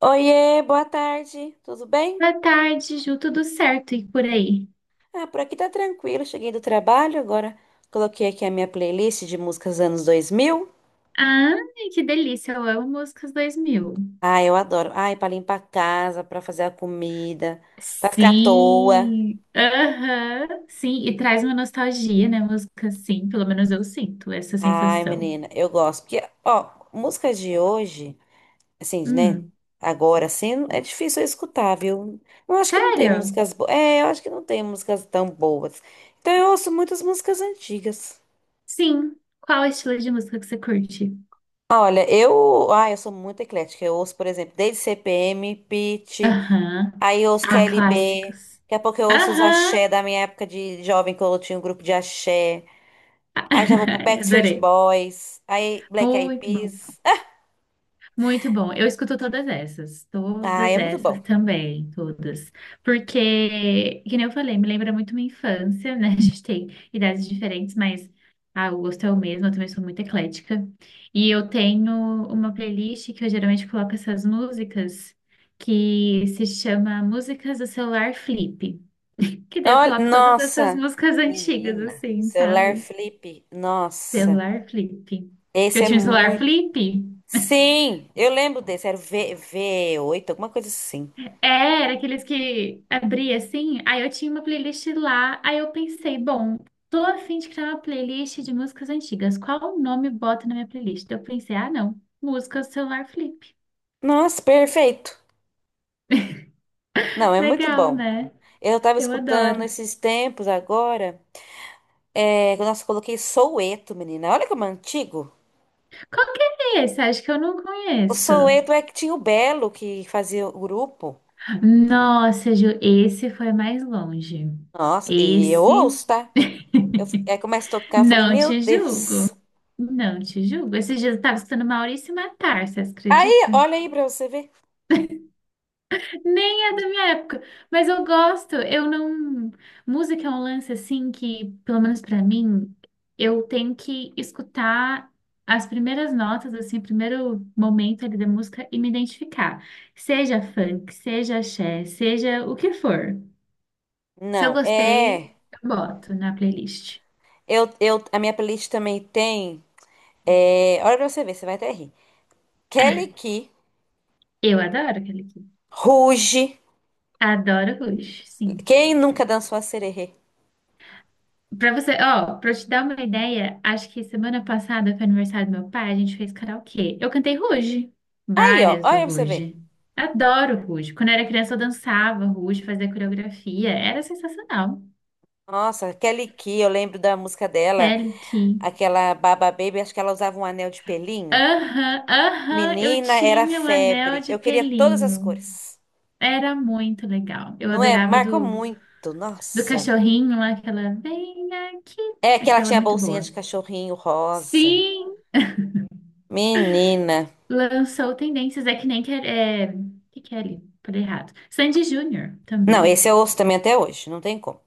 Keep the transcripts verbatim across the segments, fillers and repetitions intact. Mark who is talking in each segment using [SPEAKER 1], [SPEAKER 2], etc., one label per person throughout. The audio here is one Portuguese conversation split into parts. [SPEAKER 1] Oiê, boa tarde, tudo bem?
[SPEAKER 2] Boa tarde, Ju, tudo certo e por aí?
[SPEAKER 1] Ah, por aqui tá tranquilo, cheguei do trabalho agora. Coloquei aqui a minha playlist de músicas anos dois mil.
[SPEAKER 2] Ai, que delícia, eu amo músicas dois mil.
[SPEAKER 1] Ah, eu adoro. Ai, pra limpar a casa, pra fazer a comida, pra ficar à toa.
[SPEAKER 2] Sim, aham, sim, e traz uma nostalgia, né? Música, sim, pelo menos eu sinto essa
[SPEAKER 1] Ai,
[SPEAKER 2] sensação.
[SPEAKER 1] menina, eu gosto. Porque, ó, música de hoje, assim, né?
[SPEAKER 2] Hum,
[SPEAKER 1] Agora, assim, é difícil eu escutar, viu? Eu acho que não tem
[SPEAKER 2] sério?
[SPEAKER 1] músicas boas. É, eu acho que não tem músicas tão boas. Então eu ouço muitas músicas antigas.
[SPEAKER 2] Sim, qual é o estilo de música que você curte?
[SPEAKER 1] Olha, eu, ah, eu sou muito eclética. Eu ouço, por exemplo, desde C P M, Pitty,
[SPEAKER 2] Aham,
[SPEAKER 1] aí eu ouço K
[SPEAKER 2] ah,
[SPEAKER 1] L B.
[SPEAKER 2] clássicos.
[SPEAKER 1] Daqui a pouco eu ouço os
[SPEAKER 2] Aham,
[SPEAKER 1] axé da minha época de jovem, que eu tinha um grupo de axé. Aí já vou pro Backstreet
[SPEAKER 2] adorei,
[SPEAKER 1] Boys, aí Black Eyed
[SPEAKER 2] muito bom.
[SPEAKER 1] Peas.
[SPEAKER 2] Muito bom. Eu escuto todas essas,
[SPEAKER 1] Ah,
[SPEAKER 2] todas
[SPEAKER 1] é muito
[SPEAKER 2] essas
[SPEAKER 1] bom.
[SPEAKER 2] também, todas. Porque, que nem eu falei, me lembra muito minha infância, né? A gente tem idades diferentes, mas ah, o gosto é o mesmo, eu também sou muito eclética. E eu tenho uma playlist que eu geralmente coloco essas músicas que se chama Músicas do Celular Flip. Que daí eu
[SPEAKER 1] Olha,
[SPEAKER 2] coloco todas essas
[SPEAKER 1] nossa,
[SPEAKER 2] músicas antigas,
[SPEAKER 1] menina,
[SPEAKER 2] assim,
[SPEAKER 1] celular
[SPEAKER 2] sabe?
[SPEAKER 1] flip, nossa,
[SPEAKER 2] Celular Flip. Que eu
[SPEAKER 1] esse é
[SPEAKER 2] tinha um celular
[SPEAKER 1] muito.
[SPEAKER 2] Flip.
[SPEAKER 1] Sim, eu lembro desse, era o V, V8, alguma coisa assim.
[SPEAKER 2] É, era aqueles que abria assim. Aí eu tinha uma playlist lá. Aí eu pensei, bom, tô a fim de criar uma playlist de músicas antigas. Qual o nome bota na minha playlist? Eu pensei, ah, não. Música celular flip.
[SPEAKER 1] Nossa, perfeito. Não, é muito
[SPEAKER 2] Legal,
[SPEAKER 1] bom.
[SPEAKER 2] né?
[SPEAKER 1] Eu tava
[SPEAKER 2] Eu
[SPEAKER 1] escutando
[SPEAKER 2] adoro.
[SPEAKER 1] esses tempos agora. É, nossa, coloquei Soueto, menina. Olha como é antigo.
[SPEAKER 2] Qual que é esse? Acho que eu não
[SPEAKER 1] O
[SPEAKER 2] conheço.
[SPEAKER 1] Soueto é que tinha o Belo que fazia o grupo.
[SPEAKER 2] Nossa, Ju, esse foi mais longe.
[SPEAKER 1] Nossa, e eu
[SPEAKER 2] Esse.
[SPEAKER 1] ouço, tá? Eu, aí começa a tocar, eu falei,
[SPEAKER 2] Não
[SPEAKER 1] meu
[SPEAKER 2] te julgo.
[SPEAKER 1] Deus.
[SPEAKER 2] Não te julgo. Esses dias eu tava escutando Maurício Matar, você
[SPEAKER 1] Aí,
[SPEAKER 2] acredita?
[SPEAKER 1] olha aí pra você ver.
[SPEAKER 2] Nem é da minha época, mas eu gosto. Eu não. Música é um lance assim que, pelo menos pra mim, eu tenho que escutar as primeiras notas, assim, o primeiro momento ali da música e me identificar. Seja funk, seja axé, seja o que for. Se eu
[SPEAKER 1] Não,
[SPEAKER 2] gostei,
[SPEAKER 1] é.
[SPEAKER 2] eu boto na playlist.
[SPEAKER 1] Eu, eu, a minha playlist também tem. É, olha pra você ver, você vai até rir. Kelly Key,
[SPEAKER 2] Eu adoro aquele aqui.
[SPEAKER 1] Ruge.
[SPEAKER 2] Adoro Rush, sim.
[SPEAKER 1] Quem nunca dançou a sererê?
[SPEAKER 2] Pra você, ó, pra eu te dar uma ideia, acho que semana passada foi aniversário do meu pai, a gente fez karaokê. Eu cantei Ruge,
[SPEAKER 1] Aí, ó,
[SPEAKER 2] várias do
[SPEAKER 1] olha pra você ver.
[SPEAKER 2] Ruge. Adoro Ruge. Quando eu era criança eu dançava Ruge, fazia coreografia, era sensacional.
[SPEAKER 1] Nossa, Kelly Key, eu lembro da música dela.
[SPEAKER 2] Kelly Key.
[SPEAKER 1] Aquela Baba Baby, acho que ela usava um anel de pelinho.
[SPEAKER 2] Aham, aham, eu
[SPEAKER 1] Menina, era
[SPEAKER 2] tinha o anel
[SPEAKER 1] febre.
[SPEAKER 2] de
[SPEAKER 1] Eu queria todas as
[SPEAKER 2] pelinho.
[SPEAKER 1] cores.
[SPEAKER 2] Era muito legal. Eu
[SPEAKER 1] Não é?
[SPEAKER 2] adorava
[SPEAKER 1] Marcou
[SPEAKER 2] do,
[SPEAKER 1] muito.
[SPEAKER 2] do
[SPEAKER 1] Nossa.
[SPEAKER 2] cachorrinho lá, aquela vem aqui,
[SPEAKER 1] É que ela
[SPEAKER 2] aquela
[SPEAKER 1] tinha a
[SPEAKER 2] muito
[SPEAKER 1] bolsinha
[SPEAKER 2] boa.
[SPEAKER 1] de cachorrinho rosa.
[SPEAKER 2] Sim!
[SPEAKER 1] Menina.
[SPEAKER 2] Lançou Tendências, é que nem que é, o que que é ali? Falei errado. Sandy Júnior
[SPEAKER 1] Não, esse
[SPEAKER 2] também.
[SPEAKER 1] eu ouço também até hoje. Não tem como.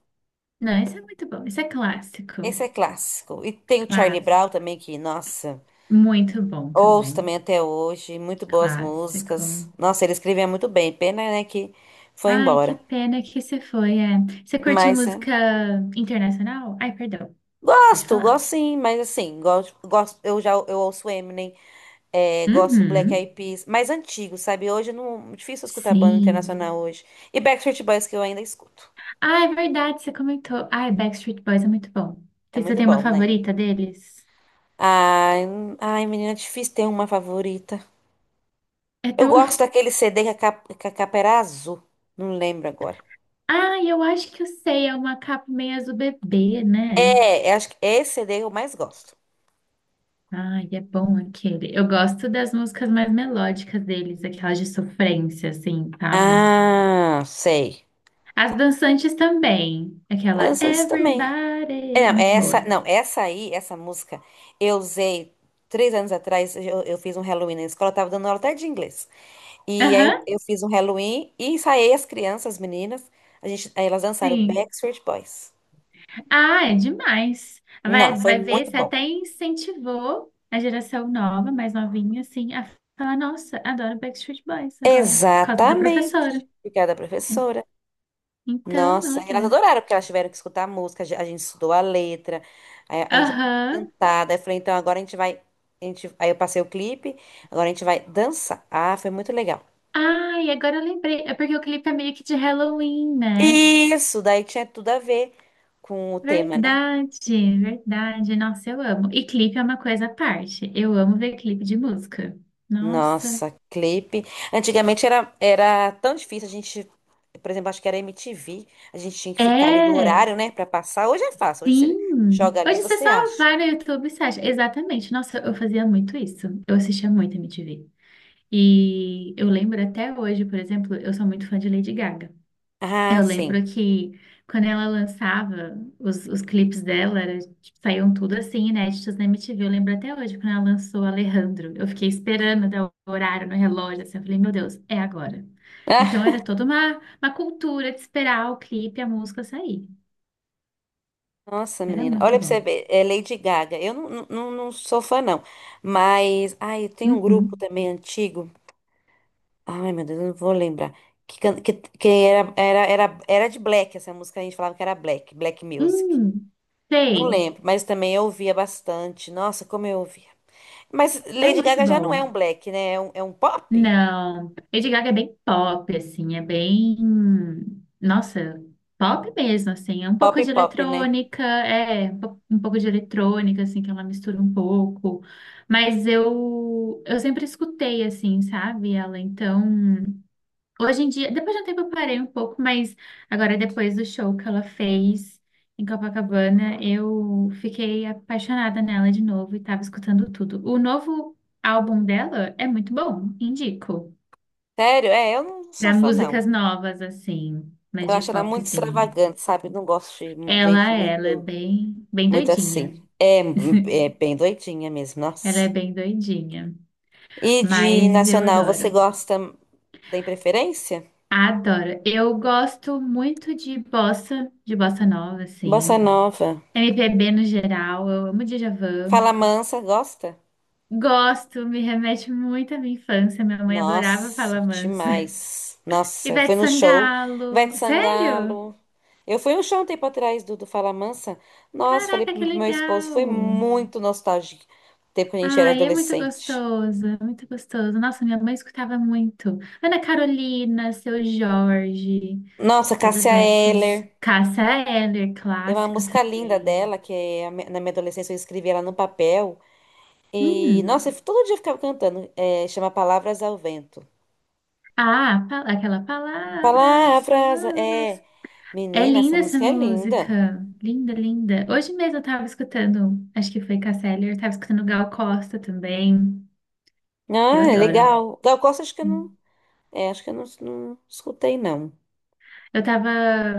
[SPEAKER 2] Não, esse é muito bom. Esse é clássico.
[SPEAKER 1] Esse é clássico. E tem o Charlie Brown
[SPEAKER 2] Clássico.
[SPEAKER 1] também, que, nossa,
[SPEAKER 2] Muito bom
[SPEAKER 1] ouço
[SPEAKER 2] também.
[SPEAKER 1] também até hoje. Muito boas
[SPEAKER 2] Clássico.
[SPEAKER 1] músicas. Nossa, ele escrevia muito bem. Pena, né, que foi
[SPEAKER 2] Ai, que
[SPEAKER 1] embora.
[SPEAKER 2] pena que você foi. É. Você curte
[SPEAKER 1] Mas. É.
[SPEAKER 2] música internacional? Ai, perdão. Pode
[SPEAKER 1] Gosto,
[SPEAKER 2] falar.
[SPEAKER 1] gosto sim, mas assim, gosto, gosto, eu já eu ouço Eminem, é, gosto do Black
[SPEAKER 2] Uhum.
[SPEAKER 1] Eyed Peas, mais antigo, sabe? Hoje não, difícil escutar banda
[SPEAKER 2] Sim.
[SPEAKER 1] internacional hoje. E Backstreet Boys que eu ainda escuto.
[SPEAKER 2] Ah, é verdade, você comentou. Ai, Backstreet Boys é muito bom.
[SPEAKER 1] É
[SPEAKER 2] Você
[SPEAKER 1] muito
[SPEAKER 2] tem uma
[SPEAKER 1] bom, né?
[SPEAKER 2] favorita deles?
[SPEAKER 1] Ai, hum, ai, menina, é difícil ter uma favorita.
[SPEAKER 2] É
[SPEAKER 1] Eu
[SPEAKER 2] tão,
[SPEAKER 1] gosto daquele C D que a capa, que a capa era azul. Não lembro agora.
[SPEAKER 2] Ah, eu acho que eu sei, é uma capa meio azul bebê, né?
[SPEAKER 1] É, eu acho que esse C D eu mais gosto.
[SPEAKER 2] Ai, é bom aquele. Eu gosto das músicas mais melódicas deles, aquelas de sofrência, assim, sabe?
[SPEAKER 1] Ah, sei.
[SPEAKER 2] As dançantes também.
[SPEAKER 1] Tá
[SPEAKER 2] Aquela
[SPEAKER 1] dançando isso também. É,
[SPEAKER 2] Everybody.
[SPEAKER 1] não,
[SPEAKER 2] Muito
[SPEAKER 1] essa,
[SPEAKER 2] boa.
[SPEAKER 1] não, essa aí, essa música, eu usei três anos atrás. Eu, eu fiz um Halloween na escola, eu tava dando aula até de inglês. E aí eu,
[SPEAKER 2] Aham,
[SPEAKER 1] eu fiz um Halloween e ensaiei as crianças, as meninas. A gente, aí elas dançaram
[SPEAKER 2] sim.
[SPEAKER 1] Backstreet Boys.
[SPEAKER 2] Ah, é demais.
[SPEAKER 1] Não,
[SPEAKER 2] Vai,
[SPEAKER 1] foi
[SPEAKER 2] vai ver,
[SPEAKER 1] muito
[SPEAKER 2] você
[SPEAKER 1] bom.
[SPEAKER 2] até incentivou a geração nova, mais novinha, assim, a falar: Nossa, adoro Backstreet Boys agora, por causa da
[SPEAKER 1] Exatamente.
[SPEAKER 2] professora.
[SPEAKER 1] Obrigada, professora.
[SPEAKER 2] Então,
[SPEAKER 1] Nossa, e elas
[SPEAKER 2] olha.
[SPEAKER 1] adoraram, porque elas tiveram que escutar a música, a gen- a gente estudou a letra, a, a gente aprendeu a
[SPEAKER 2] Aham.
[SPEAKER 1] cantar. Daí eu falei, então agora a gente vai. A gente, aí eu passei o clipe, agora a gente vai dançar. Ah, foi muito legal.
[SPEAKER 2] Ai, agora eu lembrei. É porque o clipe é meio que de Halloween, né?
[SPEAKER 1] Isso, daí tinha tudo a ver com o tema, né?
[SPEAKER 2] Verdade, verdade. Nossa, eu amo. E clipe é uma coisa à parte. Eu amo ver clipe de música. Nossa.
[SPEAKER 1] Nossa, clipe. Antigamente era, era tão difícil a gente, por exemplo, acho que era M T V, a gente tinha que ficar ali no
[SPEAKER 2] É,
[SPEAKER 1] horário, né, pra passar. Hoje é fácil, hoje
[SPEAKER 2] sim.
[SPEAKER 1] você joga ali e
[SPEAKER 2] Hoje você
[SPEAKER 1] você
[SPEAKER 2] só
[SPEAKER 1] acha.
[SPEAKER 2] vai no YouTube e você acha. Exatamente. Nossa, eu fazia muito isso. Eu assistia muito M T V. E eu lembro até hoje, por exemplo, eu sou muito fã de Lady Gaga.
[SPEAKER 1] Ah,
[SPEAKER 2] Eu
[SPEAKER 1] sim.
[SPEAKER 2] lembro que quando ela lançava os, os clipes dela, era, tipo, saíam tudo assim, inéditos na M T V. Eu lembro até hoje, quando ela lançou Alejandro. Eu fiquei esperando dar o horário no relógio, assim, eu falei, meu Deus, é agora. Então era
[SPEAKER 1] Ah,
[SPEAKER 2] toda uma, uma cultura de esperar o clipe, e a música sair.
[SPEAKER 1] nossa,
[SPEAKER 2] Era
[SPEAKER 1] menina. Olha
[SPEAKER 2] muito
[SPEAKER 1] pra você
[SPEAKER 2] bom.
[SPEAKER 1] ver, é Lady Gaga. Eu não, não, não não sou fã, não. Mas, ai, tem um grupo
[SPEAKER 2] Uhum.
[SPEAKER 1] também antigo. Ai, meu Deus, eu não vou lembrar. Que, can- que, que era, era, era, era de Black, essa música a gente falava que era Black, Black Music.
[SPEAKER 2] Hum,
[SPEAKER 1] Não
[SPEAKER 2] sei,
[SPEAKER 1] lembro, mas também eu ouvia bastante. Nossa, como eu ouvia. Mas
[SPEAKER 2] é
[SPEAKER 1] Lady
[SPEAKER 2] muito
[SPEAKER 1] Gaga já não é
[SPEAKER 2] bom.
[SPEAKER 1] um black, né? É um, é um pop?
[SPEAKER 2] Não, Lady Gaga é bem pop, assim, é bem, nossa, pop mesmo, assim, é um
[SPEAKER 1] Pop,
[SPEAKER 2] pouco de
[SPEAKER 1] pop, né?
[SPEAKER 2] eletrônica, é, um po- um pouco de eletrônica, assim, que ela mistura um pouco, mas eu, eu sempre escutei, assim, sabe, ela, então, hoje em dia, depois de um tempo eu parei um pouco, mas agora depois do show que ela fez em Copacabana, eu fiquei apaixonada nela de novo e tava escutando tudo. O novo álbum dela é muito bom, indico.
[SPEAKER 1] Sério? É, eu não sou
[SPEAKER 2] Para
[SPEAKER 1] fã, não.
[SPEAKER 2] músicas novas, assim, mas
[SPEAKER 1] Eu
[SPEAKER 2] de
[SPEAKER 1] acho ela muito
[SPEAKER 2] popzinho.
[SPEAKER 1] extravagante, sabe? Não gosto de gente
[SPEAKER 2] Ela, ela é
[SPEAKER 1] muito,
[SPEAKER 2] bem, bem
[SPEAKER 1] muito
[SPEAKER 2] doidinha.
[SPEAKER 1] assim. É, é bem doidinha mesmo,
[SPEAKER 2] Ela é
[SPEAKER 1] nossa.
[SPEAKER 2] bem doidinha,
[SPEAKER 1] E de
[SPEAKER 2] mas eu
[SPEAKER 1] nacional, você
[SPEAKER 2] adoro.
[SPEAKER 1] gosta, tem preferência?
[SPEAKER 2] Adoro. Eu gosto muito de bossa, de bossa nova,
[SPEAKER 1] Bossa
[SPEAKER 2] assim.
[SPEAKER 1] nova.
[SPEAKER 2] M P B no geral, eu amo Djavan.
[SPEAKER 1] Fala mansa, gosta?
[SPEAKER 2] Gosto, me remete muito à minha infância. Minha mãe adorava
[SPEAKER 1] Nossa,
[SPEAKER 2] Fala Mansa.
[SPEAKER 1] demais. Nossa,
[SPEAKER 2] Ivete
[SPEAKER 1] foi no show. Ivete
[SPEAKER 2] Sangalo. Sério?
[SPEAKER 1] Sangalo. Eu fui no show um tempo atrás do, do Fala Mansa. Nossa, falei
[SPEAKER 2] Caraca,
[SPEAKER 1] pro
[SPEAKER 2] que
[SPEAKER 1] meu esposo,
[SPEAKER 2] legal!
[SPEAKER 1] foi muito nostálgico. O tempo que a gente era
[SPEAKER 2] Ai, é muito
[SPEAKER 1] adolescente.
[SPEAKER 2] gostoso, é muito gostoso. Nossa, minha mãe escutava muito. Ana Carolina, Seu Jorge,
[SPEAKER 1] Nossa,
[SPEAKER 2] todas
[SPEAKER 1] Cássia
[SPEAKER 2] essas.
[SPEAKER 1] Eller.
[SPEAKER 2] Cássia Eller,
[SPEAKER 1] Tem uma
[SPEAKER 2] clássica
[SPEAKER 1] música linda
[SPEAKER 2] também.
[SPEAKER 1] dela, que é a mi- na minha adolescência eu escrevi ela no papel. E,
[SPEAKER 2] Hum.
[SPEAKER 1] nossa, eu todo dia eu ficava cantando. É, chama Palavras ao Vento.
[SPEAKER 2] Ah, pa- aquela palavras,
[SPEAKER 1] Palavras,
[SPEAKER 2] palavras.
[SPEAKER 1] é.
[SPEAKER 2] É
[SPEAKER 1] Menina, essa
[SPEAKER 2] linda essa
[SPEAKER 1] música é linda.
[SPEAKER 2] música. Linda, linda. Hoje mesmo eu tava escutando, acho que foi Cássia Eller, eu tava escutando Gal Costa também. Eu
[SPEAKER 1] Ah, é
[SPEAKER 2] adoro.
[SPEAKER 1] legal. Gal Costa, acho que eu não. É, acho que eu não, não escutei, não.
[SPEAKER 2] Eu tava,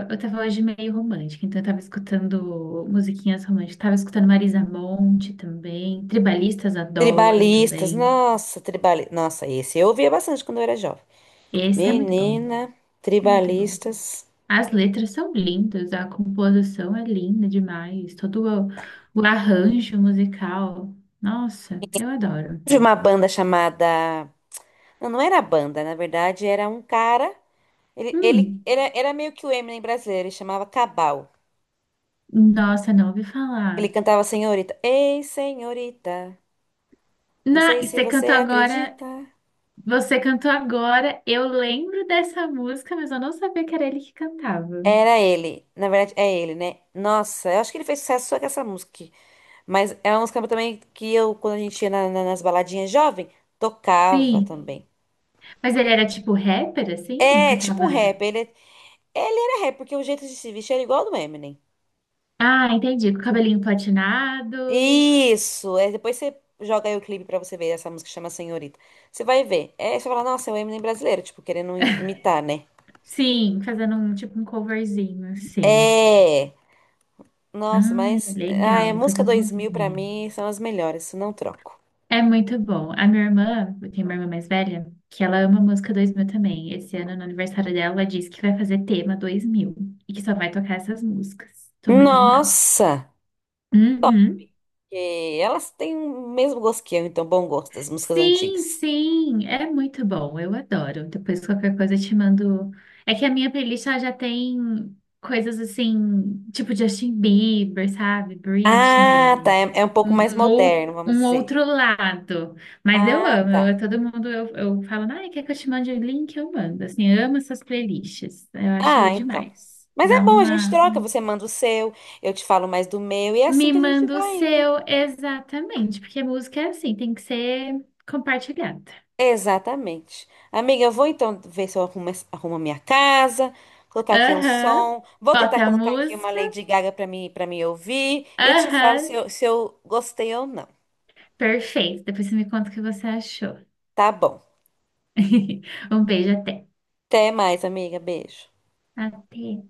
[SPEAKER 2] eu tava hoje meio romântica, então eu tava escutando musiquinhas românticas. Tava escutando Marisa Monte também. Tribalistas adoro
[SPEAKER 1] Tribalistas,
[SPEAKER 2] também.
[SPEAKER 1] nossa, tribalistas. Nossa, esse eu ouvia bastante quando eu era jovem.
[SPEAKER 2] Esse é muito bom.
[SPEAKER 1] Menina,
[SPEAKER 2] É muito bom.
[SPEAKER 1] tribalistas.
[SPEAKER 2] As letras são lindas, a composição é linda demais. Todo o, o arranjo musical. Nossa, eu adoro.
[SPEAKER 1] De uma banda chamada. Não, não era banda, na verdade, era um cara. Ele, ele
[SPEAKER 2] Hum,
[SPEAKER 1] era, era meio que o Eminem brasileiro, ele chamava Cabal.
[SPEAKER 2] nossa, não ouvi
[SPEAKER 1] Ele
[SPEAKER 2] falar.
[SPEAKER 1] cantava Senhorita. Ei, senhorita, não
[SPEAKER 2] Na,
[SPEAKER 1] sei se
[SPEAKER 2] você
[SPEAKER 1] você
[SPEAKER 2] cantou agora,
[SPEAKER 1] acredita.
[SPEAKER 2] você cantou agora. Eu lembro dessa música, mas eu não sabia que era ele que cantava.
[SPEAKER 1] Era ele. Na verdade, é ele, né? Nossa, eu acho que ele fez sucesso só com essa música. Mas é uma música também que eu, quando a gente ia na- na- nas baladinhas jovem, tocava
[SPEAKER 2] Sim,
[SPEAKER 1] também.
[SPEAKER 2] mas ele era tipo rapper, assim?
[SPEAKER 1] É, tipo um
[SPEAKER 2] Cantava.
[SPEAKER 1] rap. Ele, ele era rap, porque o jeito de se vestir era igual ao do Eminem.
[SPEAKER 2] Ah, entendi. Com o cabelinho platinado.
[SPEAKER 1] Isso! É, depois você joga aí o clipe pra você ver essa música chama Senhorita. Você vai ver. É, você fala, nossa, é o Eminem brasileiro, tipo, querendo im- imitar, né?
[SPEAKER 2] Sim, fazendo um tipo um coverzinho, assim.
[SPEAKER 1] É! Nossa,
[SPEAKER 2] Ai,
[SPEAKER 1] mas. Ah, é
[SPEAKER 2] legal. Depois
[SPEAKER 1] música
[SPEAKER 2] eu vou
[SPEAKER 1] dois mil pra
[SPEAKER 2] ver.
[SPEAKER 1] mim são as melhores, isso não troco.
[SPEAKER 2] É muito bom. A minha irmã, eu tenho uma irmã mais velha, que ela ama música dois mil também. Esse ano, no aniversário dela, ela disse que vai fazer tema dois mil e que só vai tocar essas músicas. Tô muito animada.
[SPEAKER 1] Nossa!
[SPEAKER 2] Uhum.
[SPEAKER 1] Que elas têm o mesmo gosto que eu, então bom gosto das músicas
[SPEAKER 2] Sim,
[SPEAKER 1] antigas.
[SPEAKER 2] sim, é muito bom, eu adoro. Depois qualquer coisa eu te mando. É que a minha playlist ela já tem coisas assim, tipo Justin Bieber, sabe?
[SPEAKER 1] Ah, tá.
[SPEAKER 2] Britney,
[SPEAKER 1] É, é um pouco mais
[SPEAKER 2] um, um, ou-
[SPEAKER 1] moderno, vamos
[SPEAKER 2] um
[SPEAKER 1] dizer.
[SPEAKER 2] outro lado. Mas eu
[SPEAKER 1] Ah,
[SPEAKER 2] amo,
[SPEAKER 1] tá.
[SPEAKER 2] eu, todo mundo eu, eu falo, ai, quer que eu te mande o link? Eu mando. Assim, eu amo essas playlists, eu
[SPEAKER 1] Ah,
[SPEAKER 2] acho
[SPEAKER 1] então.
[SPEAKER 2] demais.
[SPEAKER 1] Mas
[SPEAKER 2] Dá
[SPEAKER 1] é bom, a gente
[SPEAKER 2] uma.
[SPEAKER 1] troca. Você manda o seu, eu te falo mais do meu, e é assim
[SPEAKER 2] Me
[SPEAKER 1] que a gente
[SPEAKER 2] manda o
[SPEAKER 1] vai indo.
[SPEAKER 2] seu, exatamente, porque música é assim, tem que ser compartilhada.
[SPEAKER 1] Exatamente. Amiga, eu vou então ver se eu arrumo, essa- arrumo a minha casa, colocar aqui um
[SPEAKER 2] Aham.
[SPEAKER 1] som. Vou tentar
[SPEAKER 2] Bota a
[SPEAKER 1] colocar aqui uma
[SPEAKER 2] música.
[SPEAKER 1] Lady Gaga para mim, para me ouvir. E eu te falo se
[SPEAKER 2] Aham.
[SPEAKER 1] eu, se eu gostei ou não.
[SPEAKER 2] Perfeito. Depois você me conta o que você achou.
[SPEAKER 1] Tá bom.
[SPEAKER 2] Um beijo, até.
[SPEAKER 1] Até mais, amiga. Beijo.
[SPEAKER 2] Até.